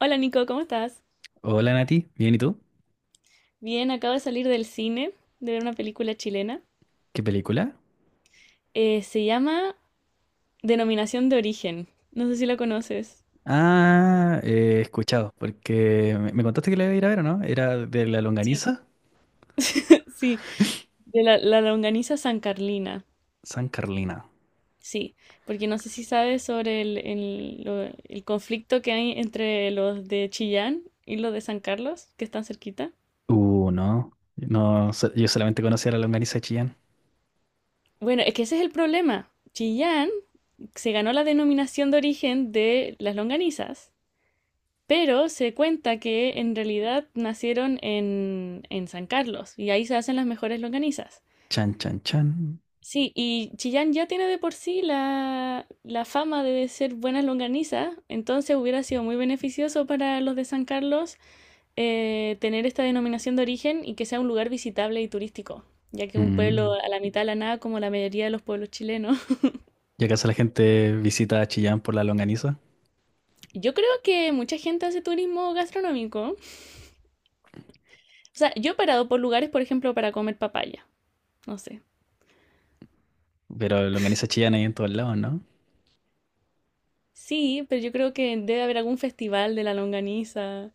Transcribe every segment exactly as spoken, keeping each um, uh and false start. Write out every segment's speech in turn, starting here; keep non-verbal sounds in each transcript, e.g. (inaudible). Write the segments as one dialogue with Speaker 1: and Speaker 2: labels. Speaker 1: Hola Nico, ¿cómo estás?
Speaker 2: Hola Nati, bien, ¿y tú?
Speaker 1: Bien, acabo de salir del cine de ver una película chilena.
Speaker 2: ¿Qué película?
Speaker 1: Eh, se llama Denominación de Origen. No sé si la conoces.
Speaker 2: Ah, eh, he escuchado, porque me, me contaste que la iba a ir a ver, ¿o no? Era de la
Speaker 1: Sí.
Speaker 2: longaniza
Speaker 1: (laughs) Sí, de la, la longaniza San Carlina.
Speaker 2: San Carlina.
Speaker 1: Sí, porque no sé si sabes sobre el, el lo- el conflicto que hay entre los de Chillán y los de San Carlos, que están cerquita.
Speaker 2: Uh, no, no, so- yo solamente conocía la longaniza de Chillán.
Speaker 1: Bueno, es que ese es el problema. Chillán se ganó la denominación de origen de las longanizas. Pero se cuenta que en realidad nacieron en, en San Carlos y ahí se hacen las mejores longanizas.
Speaker 2: Chan, chan, chan.
Speaker 1: Sí, y Chillán ya tiene de por sí la, la fama de ser buenas longanizas, entonces hubiera sido muy beneficioso para los de San Carlos, eh, tener esta denominación de origen y que sea un lugar visitable y turístico, ya que es un
Speaker 2: Mm.
Speaker 1: pueblo a la mitad de la nada como la mayoría de los pueblos chilenos.
Speaker 2: ¿Y acaso la gente visita a Chillán por la longaniza?
Speaker 1: (laughs) Yo creo que mucha gente hace turismo gastronómico. O sea, yo he parado por lugares, por ejemplo, para comer papaya. No sé.
Speaker 2: Pero longaniza Chillán hay en todos lados, ¿no?
Speaker 1: Sí, pero yo creo que debe haber algún festival de la longaniza.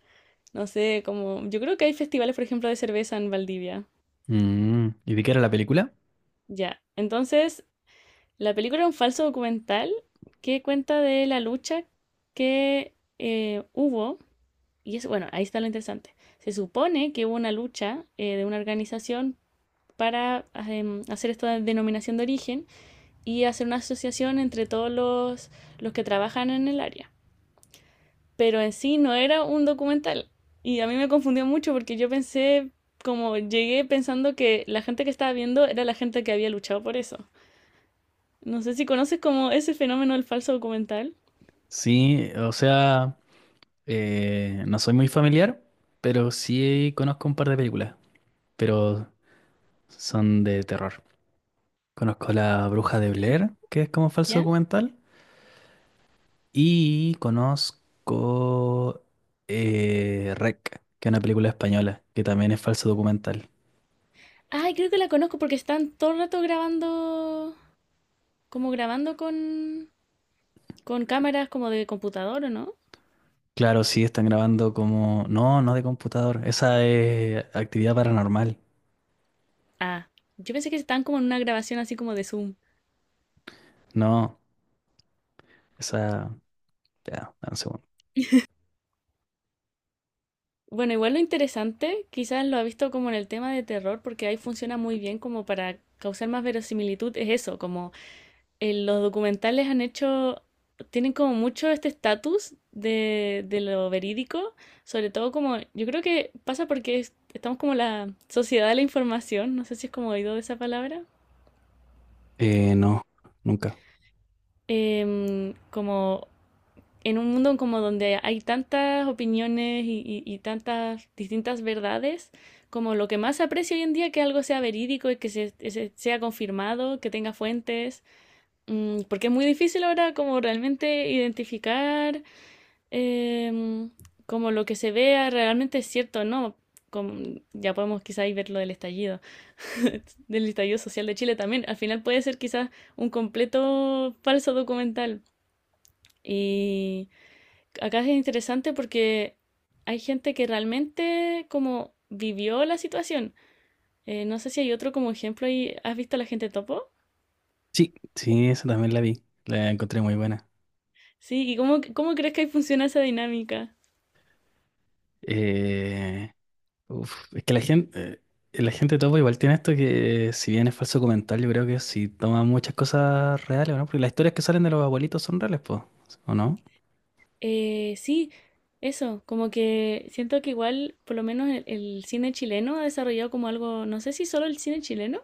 Speaker 1: No sé, como. Yo creo que hay festivales, por ejemplo, de cerveza en Valdivia.
Speaker 2: Mm. ¿Y de qué era la película?
Speaker 1: Ya. Entonces, la película es un falso documental que cuenta de la lucha que eh, hubo. Y es, bueno, ahí está lo interesante. Se supone que hubo una lucha, eh, de una organización para em, hacer esta denominación de origen y hacer una asociación entre todos los, los que trabajan en el área. Pero en sí no era un documental. Y a mí me confundió mucho porque yo pensé, como llegué pensando que la gente que estaba viendo era la gente que había luchado por eso. No sé si conoces como ese fenómeno del falso documental.
Speaker 2: Sí, o sea, eh, no soy muy familiar, pero sí conozco un par de películas. Pero son de terror. Conozco La Bruja de Blair, que es como falso
Speaker 1: ¿Ya?
Speaker 2: documental. Y conozco eh, Rec, que es una película española, que también es falso documental.
Speaker 1: Ay, creo que la conozco porque están todo el rato grabando, como grabando con, con cámaras como de computador, ¿o no?
Speaker 2: Claro, sí, están grabando como... No, no de computador. Esa es actividad paranormal.
Speaker 1: Ah, yo pensé que estaban como en una grabación así como de Zoom.
Speaker 2: No, esa... Ya, dame un segundo.
Speaker 1: Bueno, igual lo interesante, quizás lo ha visto como en el tema de terror, porque ahí funciona muy bien como para causar más verosimilitud, es eso, como eh, los documentales han hecho, tienen como mucho este estatus de, de lo verídico, sobre todo como, yo creo que pasa porque es- estamos como la sociedad de la información, no sé si es como oído de esa palabra.
Speaker 2: Eh, no, nunca.
Speaker 1: Em, como en un mundo como donde hay tantas opiniones y, y- y tantas distintas verdades, como lo que más aprecio hoy en día que algo sea verídico y que se, se- sea confirmado, que tenga fuentes. Mm, porque es muy difícil ahora como realmente identificar em, como lo que se vea realmente es cierto o no. Como, ya podemos quizás ver lo del estallido, (laughs) del estallido social de Chile también. Al final puede ser quizás un completo falso documental. Y acá es interesante porque hay gente que realmente como vivió la situación. Eh, no sé si hay otro como ejemplo ahí. ¿Has visto a la gente topo?
Speaker 2: Sí, sí, esa también la vi. La encontré muy buena.
Speaker 1: Sí, ¿y cómo, cómo crees que ahí funciona esa dinámica?
Speaker 2: Eh, Uf, es que la gente, eh, la gente topa igual tiene esto que, eh, si bien es falso comentario, yo creo que sí toma muchas cosas reales, ¿o no? Porque las historias que salen de los abuelitos son reales, pues, ¿o No
Speaker 1: Eh, sí, eso, como que siento que igual, por lo menos el, el cine chileno ha desarrollado como algo, no sé si solo el cine chileno,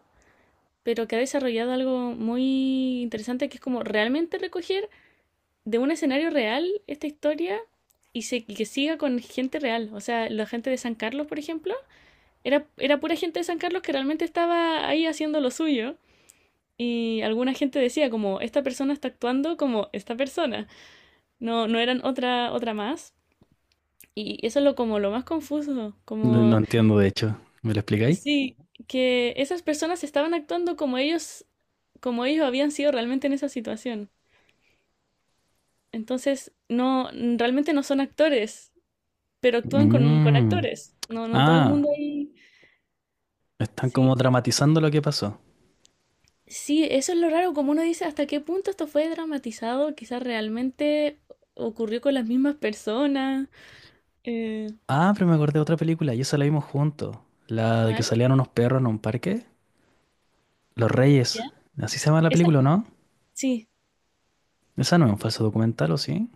Speaker 1: pero que ha desarrollado algo muy interesante que es como realmente recoger de un escenario real esta historia y, se, y que siga con gente real. O sea, la gente de San Carlos, por ejemplo, era, era pura gente de San Carlos que realmente estaba ahí haciendo lo suyo. Y alguna gente decía como, esta persona está actuando como esta persona. No, no eran otra, otra más. Y eso es lo, como lo más confuso.
Speaker 2: No no
Speaker 1: Como,
Speaker 2: entiendo, de hecho. ¿Me lo explicáis?
Speaker 1: sí, que esas personas estaban actuando como ellos, como ellos habían sido realmente en esa situación. Entonces, no, realmente no son actores, pero actúan con, con
Speaker 2: Mm.
Speaker 1: actores. No, no todo el
Speaker 2: Ah,
Speaker 1: mundo ahí.
Speaker 2: están como
Speaker 1: Sí,
Speaker 2: dramatizando lo que pasó.
Speaker 1: sí, eso es lo raro, como uno dice, hasta qué punto esto fue dramatizado, quizás realmente ocurrió con las mismas personas. Eh,
Speaker 2: Ah, pero me acordé de otra película y esa la vimos juntos. La de que
Speaker 1: ¿Cuál?
Speaker 2: salían unos perros en un parque. Los
Speaker 1: ¿Ya?
Speaker 2: Reyes. Así se llama la
Speaker 1: Esa,
Speaker 2: película, ¿o no?
Speaker 1: sí,
Speaker 2: Esa no es un falso documental, ¿o sí?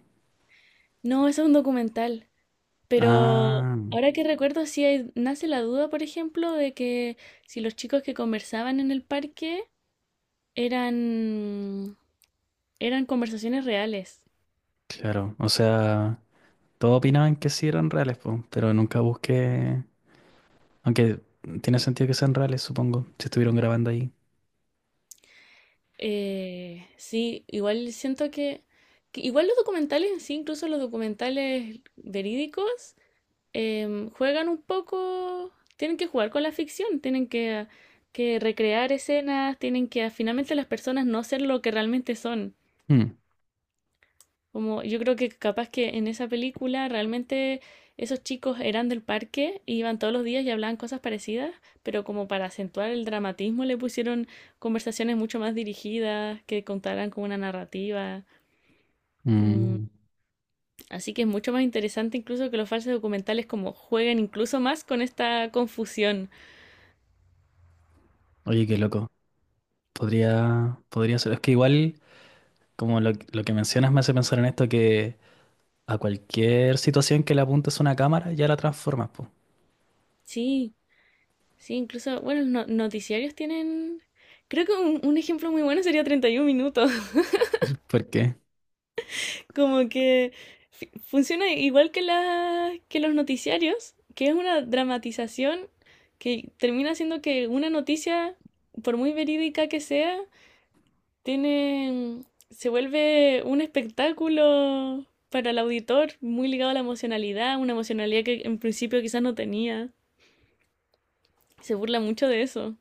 Speaker 1: no, eso es un documental, pero
Speaker 2: Ah,
Speaker 1: ahora que recuerdo, sí hay- nace la duda, por ejemplo, de que si los chicos que conversaban en el parque eran, eran conversaciones reales.
Speaker 2: claro. O sea. Todos opinaban que sí eran reales, po, pero nunca busqué. Aunque tiene sentido que sean reales, supongo, si estuvieron grabando ahí.
Speaker 1: Eh, sí, igual siento que, que igual los documentales en sí, incluso los documentales verídicos, em, juegan un poco, tienen que jugar con la ficción, tienen que, que recrear escenas, tienen que finalmente las personas no ser lo que realmente son.
Speaker 2: Mm,
Speaker 1: Como yo creo que capaz que en esa película realmente esos chicos eran del parque, iban todos los días y hablaban cosas parecidas, pero como para acentuar el dramatismo le pusieron conversaciones mucho más dirigidas, que contaran con una narrativa. Mm,
Speaker 2: mm.
Speaker 1: así que es mucho más interesante incluso que los falsos documentales como jueguen incluso más con esta confusión.
Speaker 2: Oye, qué loco. Podría, podría ser. Es que igual, como lo, lo que mencionas me hace pensar en esto, que a cualquier situación que le apuntes una cámara, ya la transformas, po.
Speaker 1: Sí, sí, incluso, bueno, los no- noticiarios tienen... Creo que un, un ejemplo muy bueno sería treinta y uno minutos.
Speaker 2: ¿Por qué?
Speaker 1: Como que fi- funciona igual que, la, que los noticiarios, que es una dramatización que termina siendo que una noticia, por muy verídica que sea, tiene, se vuelve un espectáculo para el auditor muy ligado a la emocionalidad, una emocionalidad que en principio quizás no tenía. Se burla mucho de eso.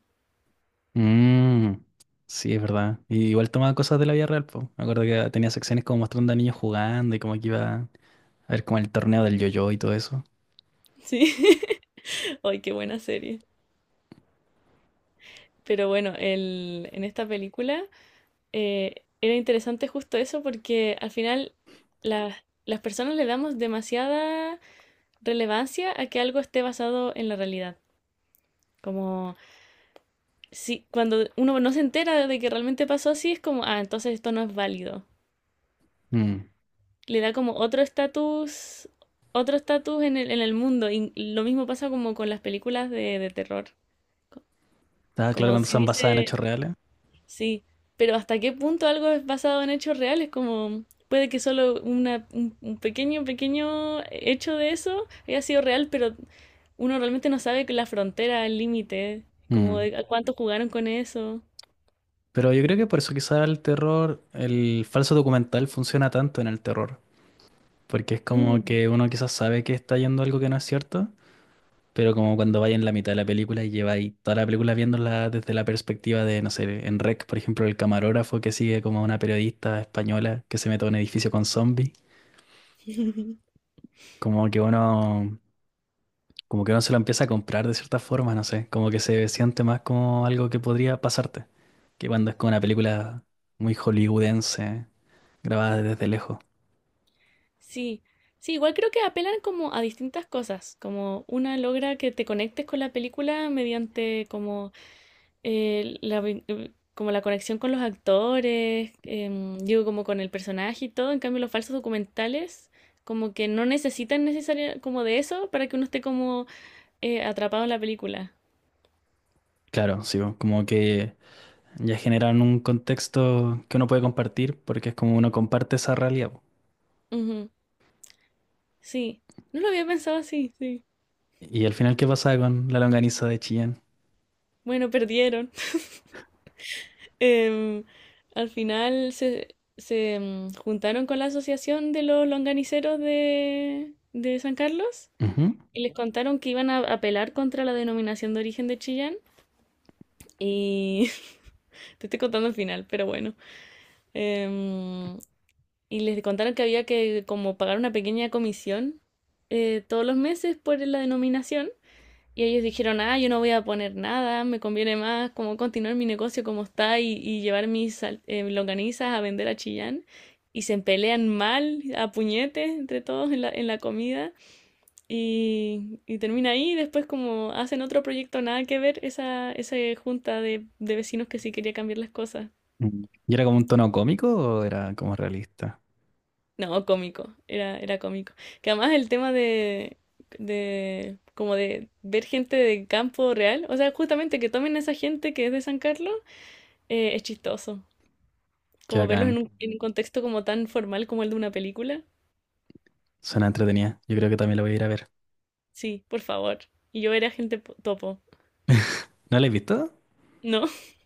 Speaker 2: Mm, sí, es verdad. Y igual tomaba cosas de la vida real, po. Me acuerdo que tenía secciones como mostrando a niños jugando y como que iba a ver como el torneo del yo-yo y todo eso.
Speaker 1: Sí. (laughs) Ay, qué buena serie. Pero bueno, el, en esta película, eh, era interesante justo eso porque al final las, las personas le damos demasiada relevancia a que algo esté basado en la realidad. Como si cuando uno no se entera de que realmente pasó así, es como, ah, entonces esto no es válido.
Speaker 2: Mm.
Speaker 1: Le da como otro estatus, otro estatus en el, en el mundo. Y lo mismo pasa como con las películas de, de terror.
Speaker 2: Ah, claro,
Speaker 1: Como
Speaker 2: cuando
Speaker 1: si
Speaker 2: son
Speaker 1: dice,
Speaker 2: basadas en hechos reales.
Speaker 1: sí, pero ¿hasta qué punto algo es basado en hechos reales? Como puede que solo una, un, un pequeño, pequeño hecho de eso haya sido real, pero uno realmente no sabe que la frontera, el límite, como
Speaker 2: Mm.
Speaker 1: de a cuánto jugaron con eso.
Speaker 2: Pero yo creo que por eso quizá el terror, el falso documental funciona tanto en el terror. Porque es como
Speaker 1: Mm.
Speaker 2: que uno quizás sabe que está yendo algo que no es cierto, pero como cuando vaya en la mitad de la película y lleva ahí toda la película viéndola desde la perspectiva de, no sé, en Rec, por ejemplo, el camarógrafo que sigue como a una periodista española que se mete a un edificio con zombies.
Speaker 1: (laughs)
Speaker 2: Como que uno Como que uno se lo empieza a comprar de cierta forma, no sé. Como que se siente más como algo que podría pasarte. Que cuando es como una película muy hollywoodense, grabada desde lejos.
Speaker 1: Sí, sí, igual creo que apelan como a distintas cosas, como una logra que te conectes con la película mediante como eh, la vin- eh, como la conexión con los actores, em, digo, como con el personaje y todo. En cambio, los falsos documentales, como que no necesitan necesariamente como de eso para que uno esté como eh, atrapado en la película.
Speaker 2: Claro, sí, bo, como que ya generan un contexto que uno puede compartir porque es como uno comparte esa realidad, bo.
Speaker 1: Ujú, sí, no lo había pensado así, sí.
Speaker 2: Y al final, ¿qué pasa con la longaniza de Chillán?
Speaker 1: Bueno, perdieron. (laughs) Em, Al final se, se em, juntaron con la asociación de los longaniceros de, de San Carlos
Speaker 2: Ujú.
Speaker 1: y les contaron que iban a apelar contra la denominación de origen de Chillán. Y (laughs) te estoy contando el final, pero bueno. Em, y les contaron que había que como pagar una pequeña comisión, eh, todos los meses por la denominación. Y ellos dijeron, ah, yo no voy a poner nada, me conviene más como continuar mi negocio como está y, y llevar mis eh, longanizas a vender a Chillán. Y se pelean mal, a puñetes entre todos en la, en la comida. Y, y termina ahí y después como hacen otro proyecto nada que ver esa, esa junta de, de vecinos que sí quería cambiar las cosas.
Speaker 2: Mm. ¿Y era como un tono cómico o era como realista?
Speaker 1: No, cómico, era, era cómico. Que además el tema de, de como de ver gente de campo real, o sea, justamente que tomen a esa gente que es de San Carlos, eh, es chistoso.
Speaker 2: Qué
Speaker 1: Como verlos
Speaker 2: bacán,
Speaker 1: en un, en un contexto como tan formal como el de una película.
Speaker 2: suena entretenida. Yo creo que también la voy a ir a ver.
Speaker 1: Sí, por favor. Y yo era gente po- topo.
Speaker 2: ¿No la has visto?
Speaker 1: ¿No? (laughs)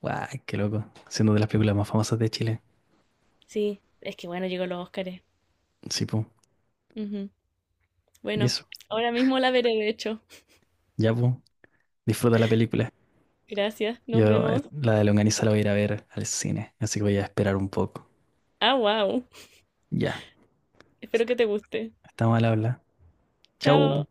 Speaker 2: Guay, qué loco. Siendo de las películas más famosas de Chile.
Speaker 1: Sí, es que bueno, llegó los Óscares.
Speaker 2: Sí, po.
Speaker 1: Ujú.
Speaker 2: Y
Speaker 1: Bueno,
Speaker 2: eso,
Speaker 1: ahora mismo la veré, de hecho.
Speaker 2: ya, po. Disfruta la película.
Speaker 1: Gracias, nos
Speaker 2: Yo eh,
Speaker 1: vemos.
Speaker 2: la de Longaniza la voy a ir a ver al cine, así que voy a esperar un poco.
Speaker 1: Ah, wow.
Speaker 2: Ya,
Speaker 1: Espero que te guste.
Speaker 2: estamos al habla. Chau.
Speaker 1: Chao.